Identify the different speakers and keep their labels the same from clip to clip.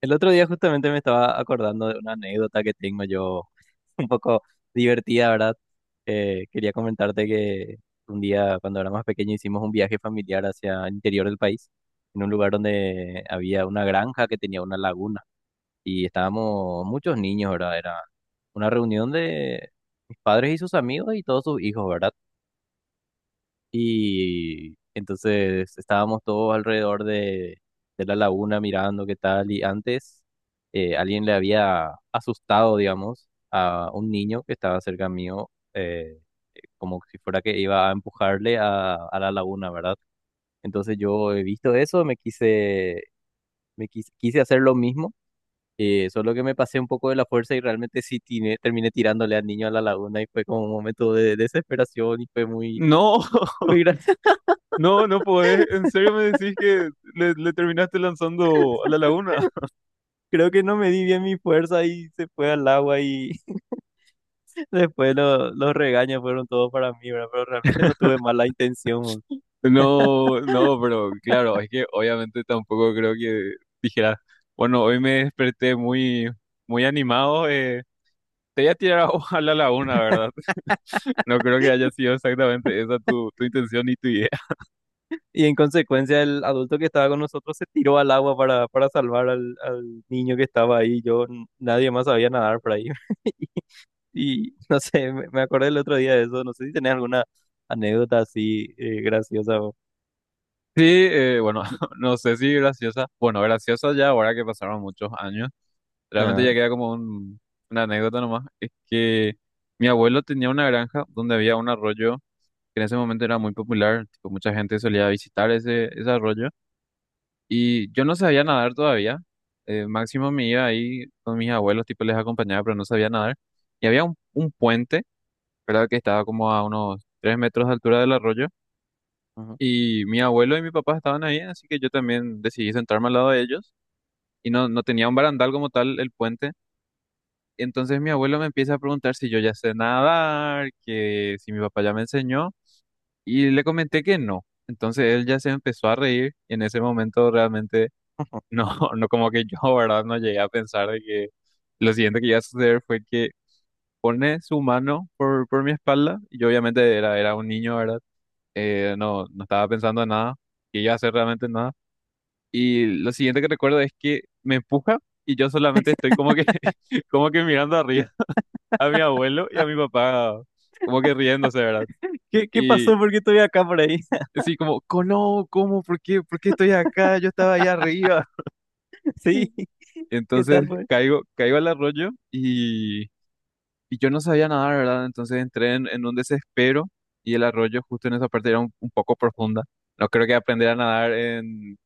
Speaker 1: El otro día justamente me estaba acordando de una anécdota que tengo yo, un poco divertida, ¿verdad? Quería comentarte que un día cuando era más pequeño hicimos un viaje familiar hacia el interior del país, en un lugar donde había una granja que tenía una laguna y estábamos muchos niños, ¿verdad? Era una reunión de mis padres y sus amigos y todos sus hijos, ¿verdad? Y entonces estábamos todos alrededor de la laguna mirando qué tal. Y antes alguien le había asustado, digamos, a un niño que estaba cerca mío, como si fuera que iba a empujarle a la laguna, ¿verdad? Entonces yo he visto eso, quise hacer lo mismo. Solo que me pasé un poco de la fuerza y realmente sí terminé tirándole al niño a la laguna y fue como un momento de desesperación y fue muy,
Speaker 2: No,
Speaker 1: muy gracioso.
Speaker 2: no, no podés. ¿En serio me decís que le terminaste lanzando a la laguna?
Speaker 1: Creo que no me di bien mi fuerza y se fue al agua y después los regaños fueron todos para mí, ¿verdad? Pero realmente no tuve mala intención.
Speaker 2: No, no, pero claro, es que obviamente tampoco creo que dijeras, bueno, hoy me desperté muy, muy animado, te voy a tirar agua a la laguna, ¿verdad? No creo que haya sido exactamente esa tu intención y tu idea.
Speaker 1: Y en consecuencia el adulto que estaba con nosotros se tiró al agua para salvar al niño que estaba ahí. Yo, nadie más sabía nadar por ahí. Y no sé, me acordé el otro día de eso. No sé si tenés alguna anécdota así graciosa.
Speaker 2: Sí, bueno, no sé si graciosa. Bueno, graciosa ya ahora que pasaron muchos años. Realmente ya
Speaker 1: Ah,
Speaker 2: queda como una anécdota nomás. Es que mi abuelo tenía una granja donde había un arroyo que en ese momento era muy popular. Tipo, mucha gente solía visitar ese arroyo. Y yo no sabía nadar todavía. Máximo me iba ahí con mis abuelos, tipo les acompañaba, pero no sabía nadar. Y había un puente, ¿verdad? Que estaba como a unos 3 metros de altura del arroyo.
Speaker 1: ujú.
Speaker 2: Y mi abuelo y mi papá estaban ahí, así que yo también decidí sentarme al lado de ellos. Y no, no tenía un barandal como tal el puente. Entonces mi abuelo me empieza a preguntar si yo ya sé nadar, que si mi papá ya me enseñó, y le comenté que no. Entonces él ya se empezó a reír y en ese momento realmente no, no como que yo, ¿verdad? No llegué a pensar de que lo siguiente que iba a suceder fue que pone su mano por mi espalda y yo obviamente era un niño, ¿verdad? No, no estaba pensando en nada, que iba a hacer realmente nada. Y lo siguiente que recuerdo es que me empuja y yo solamente estoy como que, como que mirando arriba a mi abuelo y a mi papá, como que riéndose, ¿verdad?
Speaker 1: ¿Qué
Speaker 2: Y
Speaker 1: pasó? ¿Por qué estoy acá por ahí?
Speaker 2: así como, No, ¿cómo? ¿Por qué? ¿Por qué estoy acá? Yo estaba allá arriba.
Speaker 1: Sí, ¿qué
Speaker 2: Entonces
Speaker 1: tal, pues?
Speaker 2: caigo, caigo al arroyo y yo no sabía nadar, ¿verdad? Entonces entré en un desespero y el arroyo justo en esa parte era un poco profunda. No creo que aprender a nadar en,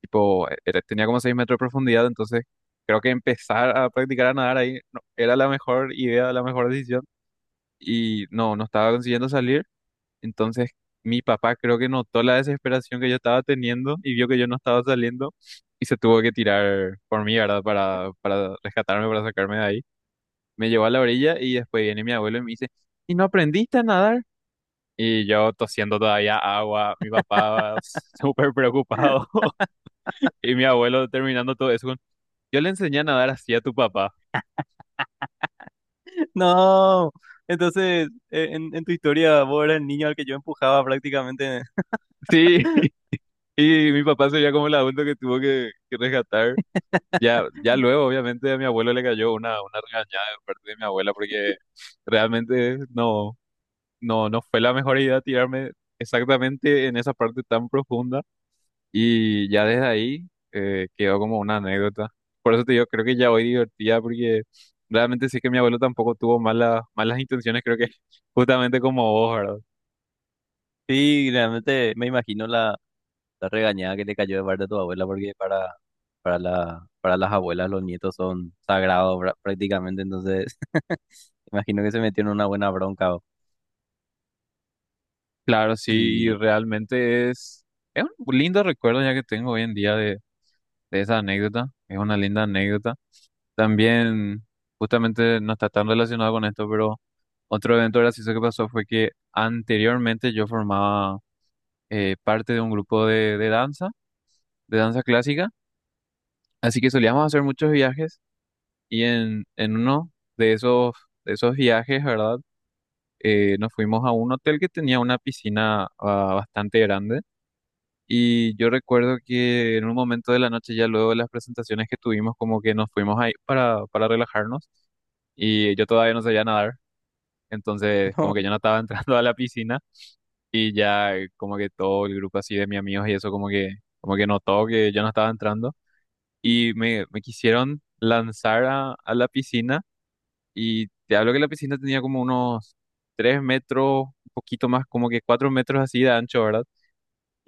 Speaker 2: tipo, tenía como 6 metros de profundidad, entonces creo que empezar a practicar a nadar ahí era la mejor idea, la mejor decisión y no, no estaba consiguiendo salir. Entonces mi papá creo que notó la desesperación que yo estaba teniendo y vio que yo no estaba saliendo y se tuvo que tirar por mí, ¿verdad? Para rescatarme, para sacarme de ahí. Me llevó a la orilla y después viene mi abuelo y me dice, ¿y no aprendiste a nadar? Y yo tosiendo todavía agua, mi papá súper preocupado y mi abuelo terminando todo eso con, yo le enseñé a nadar así a tu papá.
Speaker 1: No, entonces en tu historia vos eras el niño al que yo empujaba prácticamente.
Speaker 2: Sí, y mi papá sería como el adulto que tuvo que rescatar. Ya, ya luego, obviamente, a mi abuelo le cayó una regañada de parte de mi abuela porque realmente no, no, no fue la mejor idea tirarme exactamente en esa parte tan profunda y ya desde ahí quedó como una anécdota. Por eso te digo, creo que ya hoy divertida porque realmente sí que mi abuelo tampoco tuvo malas, malas intenciones, creo que justamente como vos, ¿verdad?
Speaker 1: Sí, realmente me imagino la regañada que le cayó de parte de tu abuela, porque para las abuelas los nietos son sagrados prácticamente, entonces imagino que se metieron en una buena bronca.
Speaker 2: Claro, sí, y
Speaker 1: Y
Speaker 2: realmente es un lindo recuerdo ya que tengo hoy en día de esa anécdota, es una linda anécdota. También, justamente no está tan relacionado con esto, pero otro evento gracioso que pasó fue que anteriormente yo formaba parte de un grupo de danza, de danza clásica, así que solíamos hacer muchos viajes y en uno de esos, de esos viajes, ¿verdad? Nos fuimos a un hotel que tenía una piscina bastante grande y yo recuerdo que en un momento de la noche, ya luego de las presentaciones que tuvimos, como que nos fuimos ahí para relajarnos y yo todavía no sabía nadar. Entonces, como que
Speaker 1: no,
Speaker 2: yo no estaba entrando a la piscina y ya como que todo el grupo así de mis amigos y eso como que notó que yo no estaba entrando y me quisieron lanzar a la piscina y te hablo que la piscina tenía como unos 3 metros, un poquito más, como que 4 metros así de ancho, ¿verdad?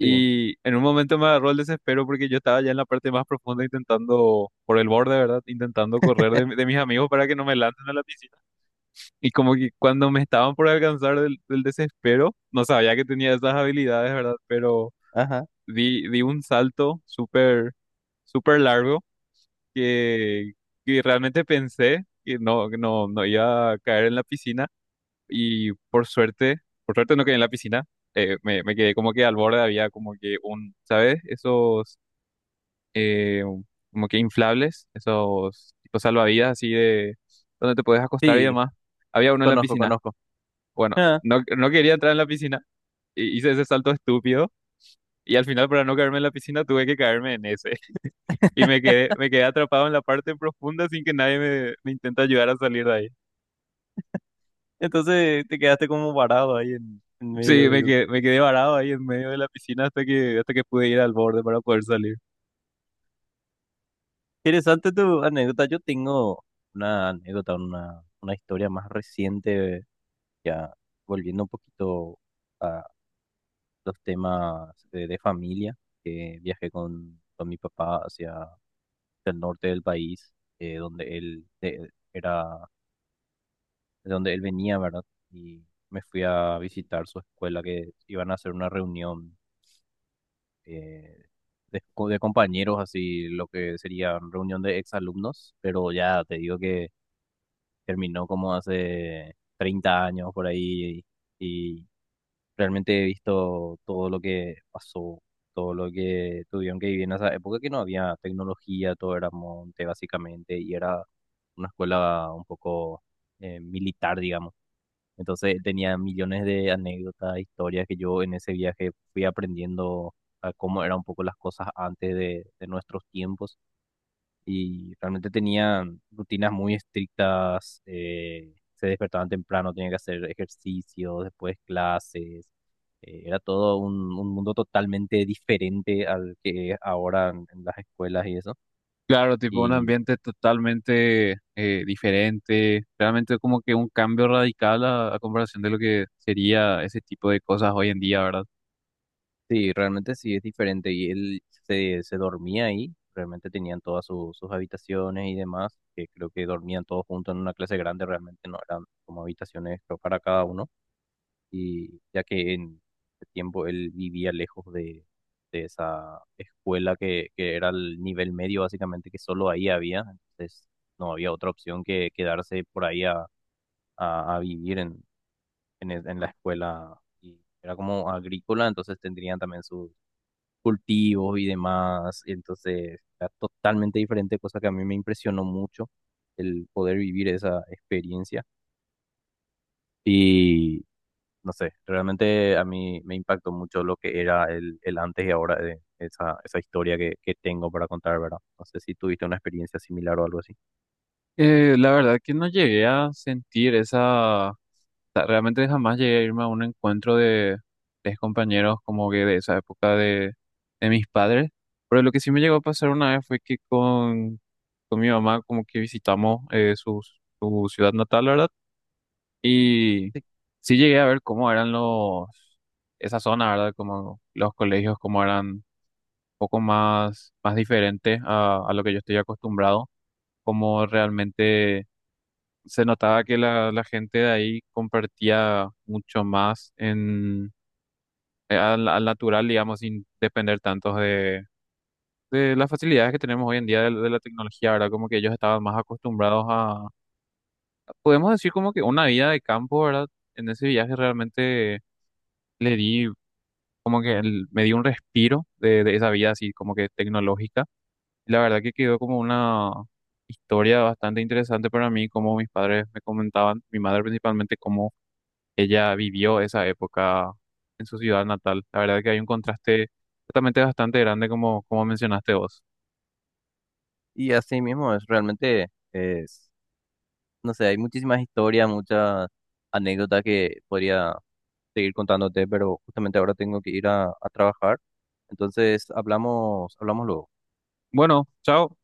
Speaker 1: sí,
Speaker 2: en un momento me agarró el desespero porque yo estaba ya en la parte más profunda intentando, por el borde, ¿verdad? Intentando correr de mis amigos para que no me lancen a la piscina. Y como que cuando me estaban por alcanzar del desespero, no sabía que tenía esas habilidades, ¿verdad? Pero
Speaker 1: ajá,
Speaker 2: di un salto súper, súper largo que, que realmente pensé que no iba a caer en la piscina. Y por suerte no quedé en la piscina. Me quedé como que al borde había como que un, ¿sabes? Esos eh, como que inflables, esos tipo salvavidas así de donde te puedes acostar y
Speaker 1: sí,
Speaker 2: demás. Había uno en la
Speaker 1: conozco,
Speaker 2: piscina.
Speaker 1: conozco.
Speaker 2: Bueno,
Speaker 1: Ah.
Speaker 2: no, no quería entrar en la piscina, y hice ese salto estúpido y al final para no caerme en la piscina tuve que caerme en ese y me quedé atrapado en la parte profunda sin que nadie me intente ayudar a salir de ahí.
Speaker 1: Entonces te quedaste como parado ahí en
Speaker 2: Sí,
Speaker 1: medio de cosas.
Speaker 2: me quedé varado ahí en medio de la piscina hasta que pude ir al borde para poder salir.
Speaker 1: Interesante tu anécdota. Yo tengo una anécdota, una historia más reciente, ya volviendo un poquito a los temas de familia, que viajé con mi papá hacia el norte del país, donde él era, de donde él venía, ¿verdad? Y me fui a visitar su escuela, que iban a hacer una reunión eh, de compañeros, así lo que sería reunión de exalumnos, pero ya te digo que terminó como hace 30 años por ahí y realmente he visto todo lo que pasó, todo lo que tuvieron que vivir en esa época que no había tecnología, todo era monte básicamente y era una escuela un poco militar, digamos. Entonces tenía millones de anécdotas, historias que yo en ese viaje fui aprendiendo a cómo eran un poco las cosas antes de nuestros tiempos y realmente tenían rutinas muy estrictas, se despertaban temprano, tenían que hacer ejercicio, después clases, era todo un mundo totalmente diferente al que es ahora en las escuelas y eso.
Speaker 2: Claro, tipo un
Speaker 1: Y
Speaker 2: ambiente totalmente diferente, realmente como que un cambio radical a comparación de lo que sería ese tipo de cosas hoy en día, ¿verdad?
Speaker 1: sí, realmente sí es diferente. Y él se dormía ahí, realmente tenían todas sus habitaciones y demás, que creo que dormían todos juntos en una clase grande, realmente no eran como habitaciones creo, para cada uno. Y ya que en ese tiempo él vivía lejos de esa escuela que era el nivel medio, básicamente, que solo ahí había, entonces no había otra opción que quedarse por ahí a vivir en la escuela. Y era como agrícola, entonces tendrían también sus cultivos y demás. Entonces, era totalmente diferente, cosa que a mí me impresionó mucho el poder vivir esa experiencia. Y no sé, realmente a mí me impactó mucho lo que era el antes y ahora de esa historia que tengo para contar, ¿verdad? No sé si tuviste una experiencia similar o algo así.
Speaker 2: La verdad que no llegué a sentir esa sea, realmente jamás llegué a irme a un encuentro de, tres compañeros como que de esa época de mis padres. Pero lo que sí me llegó a pasar una vez fue que con mi mamá como que visitamos su ciudad natal, ¿verdad? Y sí llegué a ver cómo eran esa zona, ¿verdad? Como los colegios, cómo eran un poco más, más diferentes a lo que yo estoy acostumbrado, cómo realmente se notaba que la gente de ahí compartía mucho más en, al natural, digamos, sin depender tanto de las facilidades que tenemos hoy en día de la tecnología, ¿verdad? Como que ellos estaban más acostumbrados podemos decir como que una vida de campo, ¿verdad? En ese viaje realmente le di, como que el- me di un respiro de esa vida así, como que tecnológica. Y la verdad que quedó como una historia bastante interesante para mí, como mis padres me comentaban, mi madre principalmente, cómo ella vivió esa época en su ciudad natal. La verdad que hay un contraste totalmente bastante grande como mencionaste vos.
Speaker 1: Y así mismo es realmente, es, no sé, hay muchísimas historias, muchas anécdotas que podría seguir contándote, pero justamente ahora tengo que ir a trabajar. Entonces, hablamos luego.
Speaker 2: Bueno, chao.